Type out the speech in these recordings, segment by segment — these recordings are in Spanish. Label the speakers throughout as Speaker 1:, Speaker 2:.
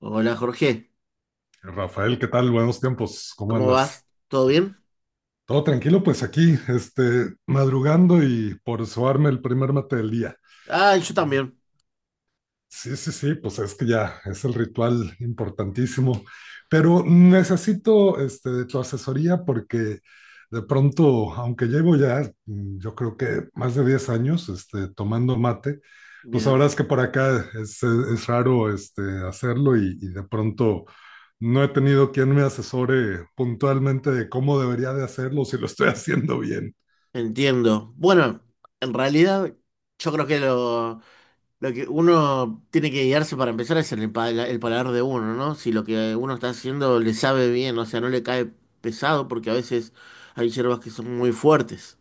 Speaker 1: Hola Jorge,
Speaker 2: Rafael, ¿qué tal? Buenos tiempos, ¿cómo
Speaker 1: ¿cómo
Speaker 2: andas?
Speaker 1: vas? ¿Todo bien?
Speaker 2: Todo tranquilo, pues aquí, madrugando y por suarme el primer mate del día.
Speaker 1: Ah, yo también.
Speaker 2: Sí, sí, sí, pues es que ya es el ritual importantísimo, pero necesito de tu asesoría porque de pronto, aunque llevo ya, yo creo que más de 10 años tomando mate, pues ahora
Speaker 1: Bien,
Speaker 2: es que por acá es raro hacerlo y de pronto no he tenido quien me asesore puntualmente de cómo debería de hacerlo, si lo estoy haciendo bien.
Speaker 1: entiendo. Bueno, en realidad yo creo que lo que uno tiene que guiarse para empezar es en el paladar de uno, ¿no? Si lo que uno está haciendo le sabe bien, o sea, no le cae pesado porque a veces hay hierbas que son muy fuertes.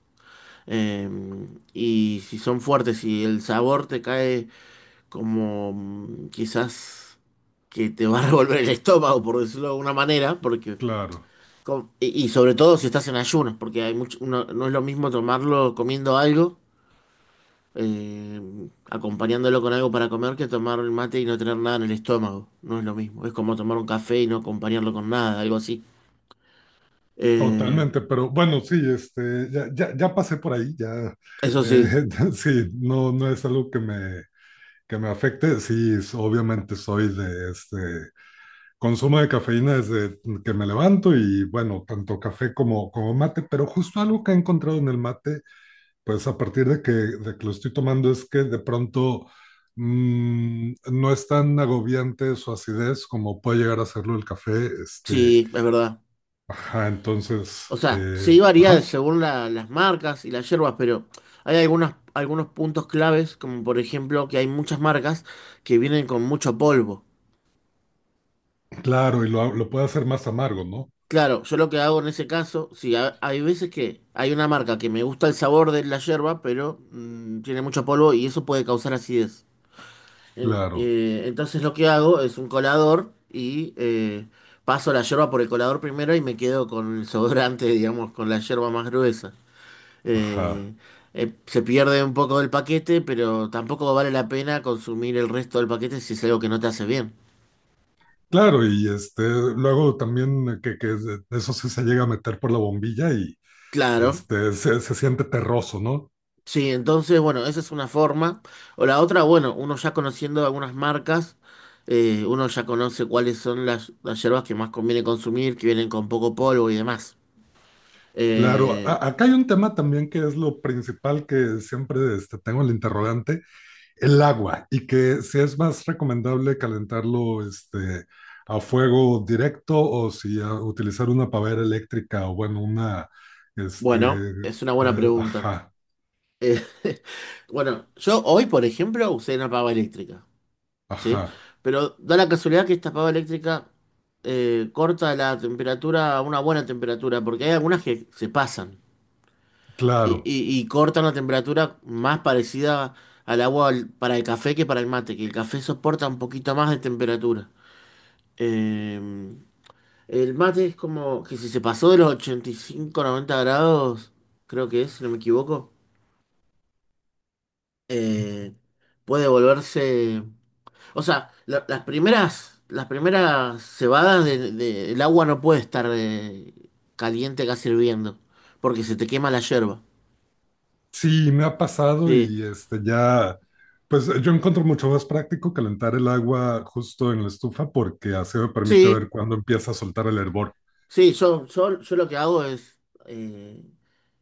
Speaker 1: Eh, y si son fuertes y el sabor te cae como quizás que te va a revolver el estómago, por decirlo de alguna manera, porque
Speaker 2: Claro,
Speaker 1: Y, y sobre todo si estás en ayunas, porque hay mucho, no, no es lo mismo tomarlo comiendo algo, eh, acompañándolo con algo para comer, que tomar el mate y no tener nada en el estómago. No es lo mismo. Es como tomar un café y no acompañarlo con nada, algo así. Eh,
Speaker 2: totalmente, pero bueno, sí, ya pasé por ahí, ya,
Speaker 1: Eso sí,
Speaker 2: eh, sí, no, no es algo que que me afecte, sí, obviamente soy de consumo de cafeína desde que me levanto y bueno, tanto café como mate, pero justo algo que he encontrado en el mate, pues a partir de que lo estoy tomando es que de pronto no es tan agobiante su acidez como puede llegar a serlo el café, este,
Speaker 1: sí, es verdad.
Speaker 2: ajá, entonces,
Speaker 1: O sea, sí varía
Speaker 2: ajá,
Speaker 1: según las marcas y las hierbas, pero hay algunas, algunos puntos claves, como por ejemplo que hay muchas marcas que vienen con mucho polvo.
Speaker 2: claro, y lo puede hacer más amargo, ¿no?
Speaker 1: Claro, yo lo que hago en ese caso, sí, hay veces que hay una marca que me gusta el sabor de la yerba, pero tiene mucho polvo y eso puede causar acidez.
Speaker 2: Claro,
Speaker 1: Entonces lo que hago es un colador y paso la yerba por el colador primero y me quedo con el sobrante, digamos, con la yerba más gruesa.
Speaker 2: ajá.
Speaker 1: Eh, Se pierde un poco del paquete, pero tampoco vale la pena consumir el resto del paquete si es algo que no te hace bien.
Speaker 2: Claro, y luego también eso sí se llega a meter por la bombilla y
Speaker 1: Claro.
Speaker 2: se siente terroso, ¿no?
Speaker 1: Sí, entonces, bueno, esa es una forma. O la otra, bueno, uno ya conociendo algunas marcas, uno ya conoce cuáles son las hierbas que más conviene consumir, que vienen con poco polvo y demás.
Speaker 2: Claro,
Speaker 1: Eh,
Speaker 2: acá hay un tema también que es lo principal que siempre tengo el interrogante, el agua, y que si es más recomendable calentarlo a fuego directo o si utilizar una pavera eléctrica o bueno, una, este,
Speaker 1: bueno, es una buena pregunta.
Speaker 2: ajá,
Speaker 1: Eh, bueno, yo hoy, por ejemplo, usé una pava eléctrica, ¿sí?
Speaker 2: ajá,
Speaker 1: Pero da la casualidad que esta pava eléctrica corta la temperatura a una buena temperatura, porque hay algunas que se pasan. Y,
Speaker 2: claro.
Speaker 1: y cortan la temperatura más parecida al para el café que para el mate, que el café soporta un poquito más de temperatura. Eh, el mate es como que si se pasó de los 85, 90 grados, creo que es, si no me equivoco, eh, puede volverse... O sea, las primeras cebadas el agua no puede estar caliente casi hirviendo, porque se te quema la yerba.
Speaker 2: Sí, me ha pasado
Speaker 1: Sí.
Speaker 2: y este ya, pues yo encuentro mucho más práctico calentar el agua justo en la estufa porque así me permite ver
Speaker 1: Sí,
Speaker 2: cuándo empieza a soltar el hervor.
Speaker 1: Sí, yo lo que hago es, eh,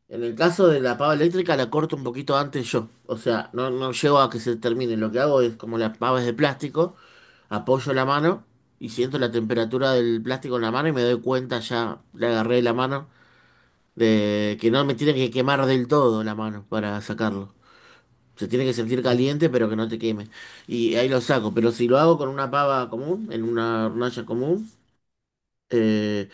Speaker 1: en el caso de la pava eléctrica la corto un poquito antes yo, o sea, no, no llego a que se termine, lo que hago es como la pava es de plástico, apoyo la mano y siento la temperatura del plástico en la mano y me doy cuenta ya, le agarré la mano, de que no me tiene que quemar del todo la mano para sacarlo. Se tiene que sentir caliente pero que no te queme. Y ahí lo saco, pero si lo hago con una pava común, en una hornalla común, eh,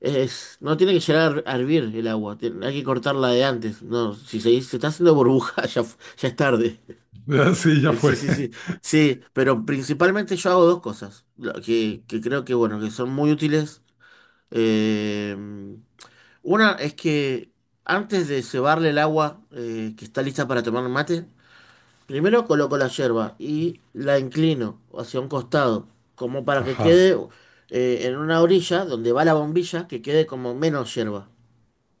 Speaker 1: es, no tiene que llegar a hervir el agua, hay que cortarla de antes. No, si se está haciendo burbuja, ya, ya es tarde.
Speaker 2: Sí, ya
Speaker 1: Sí,
Speaker 2: fue.
Speaker 1: sí, sí. Sí, pero principalmente yo hago dos cosas que creo que, bueno, que son muy útiles. Eh, una es que antes de cebarle el agua que está lista para tomar mate, primero coloco la yerba y la inclino hacia un costado, como para que
Speaker 2: Ajá.
Speaker 1: quede en una orilla donde va la bombilla, que quede como menos yerba.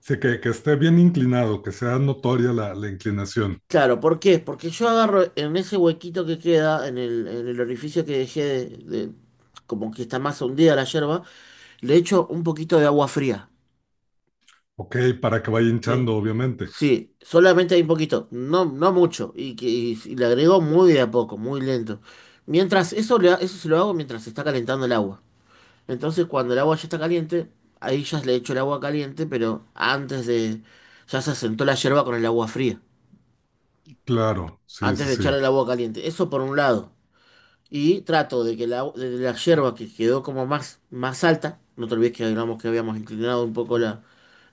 Speaker 2: Sí, que esté bien inclinado, que sea notoria la inclinación.
Speaker 1: Claro, ¿por qué? Porque yo agarro en ese huequito que queda, en en el orificio que dejé de- como que está más hundida la yerba, le echo un poquito de agua fría.
Speaker 2: Ok, para que vaya
Speaker 1: ¿Sí?
Speaker 2: hinchando, obviamente.
Speaker 1: Sí, solamente hay un poquito, no, no mucho, y le agrego muy de a poco, muy lento. Mientras, eso, eso se lo hago mientras se está calentando el agua. Entonces, cuando el agua ya está caliente, ahí ya le echo el agua caliente, pero antes de... Ya se asentó la yerba con el agua fría,
Speaker 2: Claro, sí,
Speaker 1: antes
Speaker 2: sí,
Speaker 1: de echar
Speaker 2: sí.
Speaker 1: el agua caliente. Eso por un lado. Y trato de que de la yerba que quedó como más, más alta, no te olvides que hablamos que habíamos inclinado un poco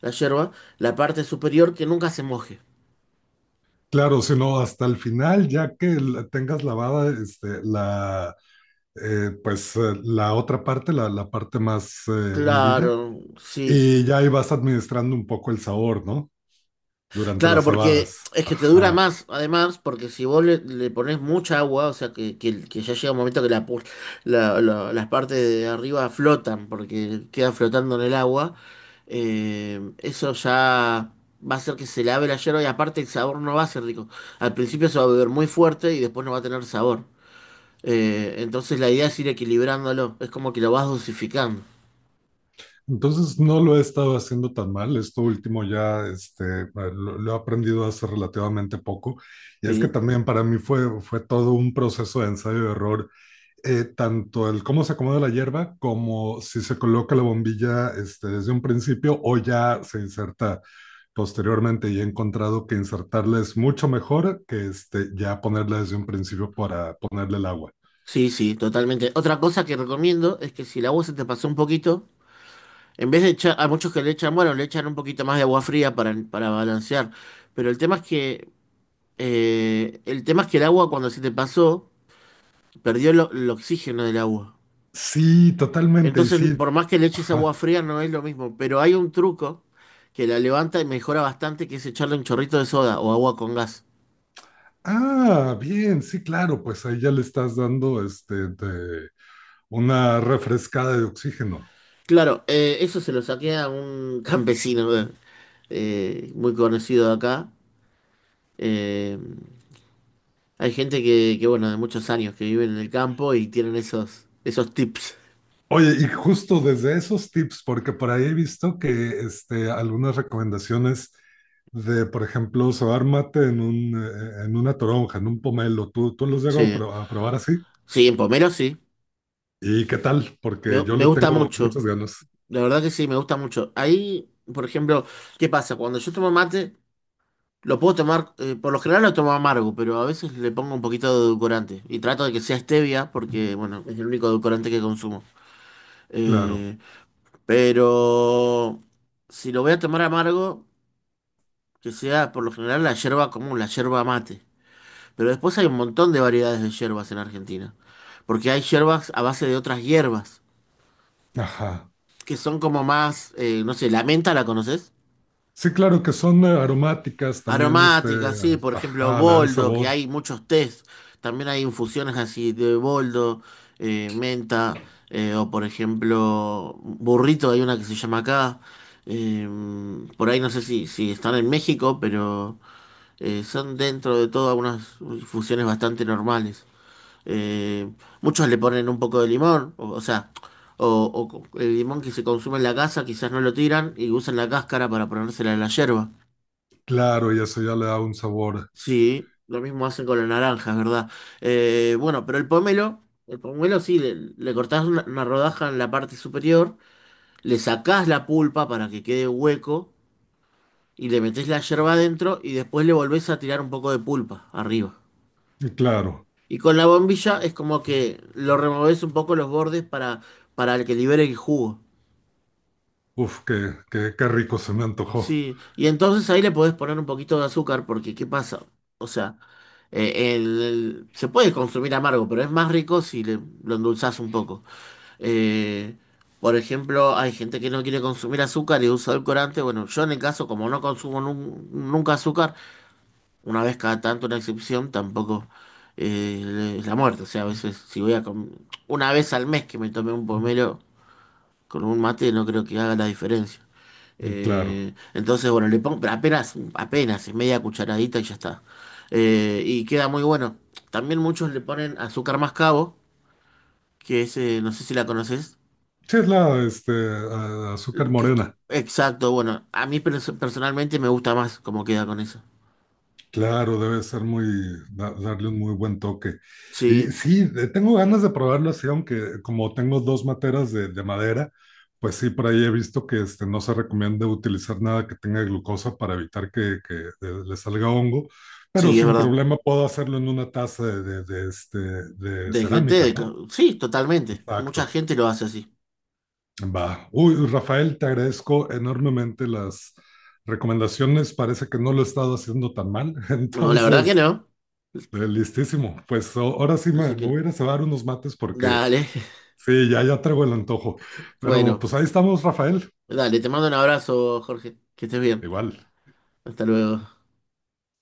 Speaker 1: la yerba, la parte superior que nunca se moje.
Speaker 2: Claro, si no, hasta el final, ya que la tengas lavada, la otra parte, la parte más hundida.
Speaker 1: Claro, sí.
Speaker 2: Y ya ahí vas administrando un poco el sabor, ¿no? Durante
Speaker 1: Claro,
Speaker 2: las
Speaker 1: porque
Speaker 2: cebadas.
Speaker 1: es que te dura
Speaker 2: Ajá.
Speaker 1: más, además, porque si vos le pones mucha agua, o sea, que ya llega un momento que la, pu- la- la- las partes de arriba flotan, porque queda flotando en el agua, eso ya va a hacer que se lave la hierba y aparte el sabor no va a ser rico. Al principio se va a beber muy fuerte y después no va a tener sabor. Entonces la idea es ir equilibrándolo, es como que lo vas dosificando.
Speaker 2: Entonces no lo he estado haciendo tan mal. Esto último ya lo he aprendido hace relativamente poco. Y es que
Speaker 1: Sí,
Speaker 2: también para mí fue todo un proceso de ensayo y error, tanto el cómo se acomoda la hierba como si se coloca la bombilla desde un principio o ya se inserta posteriormente, y he encontrado que insertarla es mucho mejor que ya ponerla desde un principio para ponerle el agua.
Speaker 1: sí, sí, totalmente. Otra cosa que recomiendo es que si el agua se te pasó un poquito, en vez de echar, a muchos que le echan, bueno, le echan un poquito más de agua fría para balancear. Pero el tema es que, el agua cuando se te pasó, perdió el oxígeno del agua.
Speaker 2: Sí, totalmente, y
Speaker 1: Entonces,
Speaker 2: sí.
Speaker 1: por más que le eches agua
Speaker 2: Ajá.
Speaker 1: fría, no es lo mismo. Pero hay un truco que la levanta y mejora bastante, que es echarle un chorrito de soda o agua con gas.
Speaker 2: Ah, bien, sí, claro, pues ahí ya le estás dando una refrescada de oxígeno.
Speaker 1: Claro, eso se lo saqué a un campesino muy conocido de acá. Eh, Hay gente que, bueno, de muchos años que viven en el campo y tienen esos tips.
Speaker 2: Oye, y justo desde esos tips, porque por ahí he visto que algunas recomendaciones de, por ejemplo, sobar mate en un, en una toronja, en un pomelo, tú los llego a
Speaker 1: Sí,
Speaker 2: a probar así?
Speaker 1: sí, en Pomero sí.
Speaker 2: ¿Y qué tal? Porque
Speaker 1: Me,
Speaker 2: yo
Speaker 1: me
Speaker 2: le
Speaker 1: gusta
Speaker 2: tengo
Speaker 1: mucho.
Speaker 2: muchas ganas.
Speaker 1: La verdad que sí, me gusta mucho. Ahí, por ejemplo, ¿qué pasa? Cuando yo tomo mate, lo puedo tomar, por lo general lo tomo amargo, pero a veces le pongo un poquito de edulcorante. Y trato de que sea stevia, porque, bueno, es el único edulcorante que consumo.
Speaker 2: Claro.
Speaker 1: Eh, pero si lo voy a tomar amargo, que sea por lo general la yerba común, la yerba mate. Pero después hay un montón de variedades de hierbas en Argentina. Porque hay hierbas a base de otras hierbas,
Speaker 2: Ajá.
Speaker 1: que son como más, no sé, la menta, ¿la conoces?
Speaker 2: Sí, claro, que son aromáticas también,
Speaker 1: Aromática sí, por ejemplo,
Speaker 2: ajá, le dan
Speaker 1: boldo, que
Speaker 2: sabor,
Speaker 1: hay muchos tés. También hay infusiones así de boldo, menta, o por ejemplo, burrito, hay una que se llama acá. Eh, por ahí no sé si están en México, pero son dentro de todo unas infusiones bastante normales. Eh, Muchos le ponen un poco de limón, o sea, o, el limón que se consume en la casa quizás no lo tiran y usan la cáscara para ponérsela en la yerba.
Speaker 2: claro, y eso ya le da un sabor,
Speaker 1: Sí, lo mismo hacen con la naranja, es verdad. Eh, bueno, pero el pomelo, el pomelo sí, le cortás una rodaja en la parte superior, le sacás la pulpa para que quede hueco y le metés la yerba adentro y después le volvés a tirar un poco de pulpa arriba.
Speaker 2: y claro,
Speaker 1: Y con la bombilla es como que lo removés un poco los bordes para que libere el jugo.
Speaker 2: uf, qué, qué, qué rico se me antojó,
Speaker 1: Sí, y entonces ahí le podés poner un poquito de azúcar porque ¿qué pasa? O sea, se puede consumir amargo, pero es más rico si lo endulzás un poco. Eh, por ejemplo, hay gente que no quiere consumir azúcar y usa edulcorante. Bueno, yo en el caso, como no consumo nunca azúcar, una vez cada tanto una excepción, tampoco es la muerte. O sea, a veces si voy a una vez al mes que me tome un pomelo con un mate, no creo que haga la diferencia.
Speaker 2: y claro.
Speaker 1: Entonces, bueno, le pongo, pero apenas, apenas, es media cucharadita y ya está. Y queda muy bueno. También muchos le ponen azúcar mascabo, que es, no sé si la conoces,
Speaker 2: Sí, es la, este, azúcar
Speaker 1: que es
Speaker 2: morena.
Speaker 1: exacto, bueno, a mí personalmente me gusta más cómo queda con eso.
Speaker 2: Claro, debe ser muy, darle un muy buen toque. Y
Speaker 1: Sí,
Speaker 2: sí, tengo ganas de probarlo así, aunque como tengo dos materas de madera, pues sí, por ahí he visto que no se recomienda utilizar nada que tenga glucosa para evitar le salga hongo, pero
Speaker 1: sí, es
Speaker 2: sin
Speaker 1: verdad.
Speaker 2: problema puedo hacerlo en una taza de, de
Speaker 1: Desde
Speaker 2: cerámica,
Speaker 1: té,
Speaker 2: ¿no?
Speaker 1: sí, totalmente. Mucha
Speaker 2: Exacto.
Speaker 1: gente lo hace así.
Speaker 2: Va. Uy, Rafael, te agradezco enormemente las recomendaciones. Parece que no lo he estado haciendo tan mal,
Speaker 1: No, la verdad que
Speaker 2: entonces...
Speaker 1: no.
Speaker 2: Listísimo. Pues ahora sí
Speaker 1: Así
Speaker 2: me
Speaker 1: que,
Speaker 2: voy a ir a cebar unos mates porque
Speaker 1: dale.
Speaker 2: sí, ya traigo el antojo. Pero
Speaker 1: Bueno,
Speaker 2: pues ahí estamos, Rafael.
Speaker 1: dale, te mando un abrazo, Jorge. Que estés bien.
Speaker 2: Igual.
Speaker 1: Hasta luego.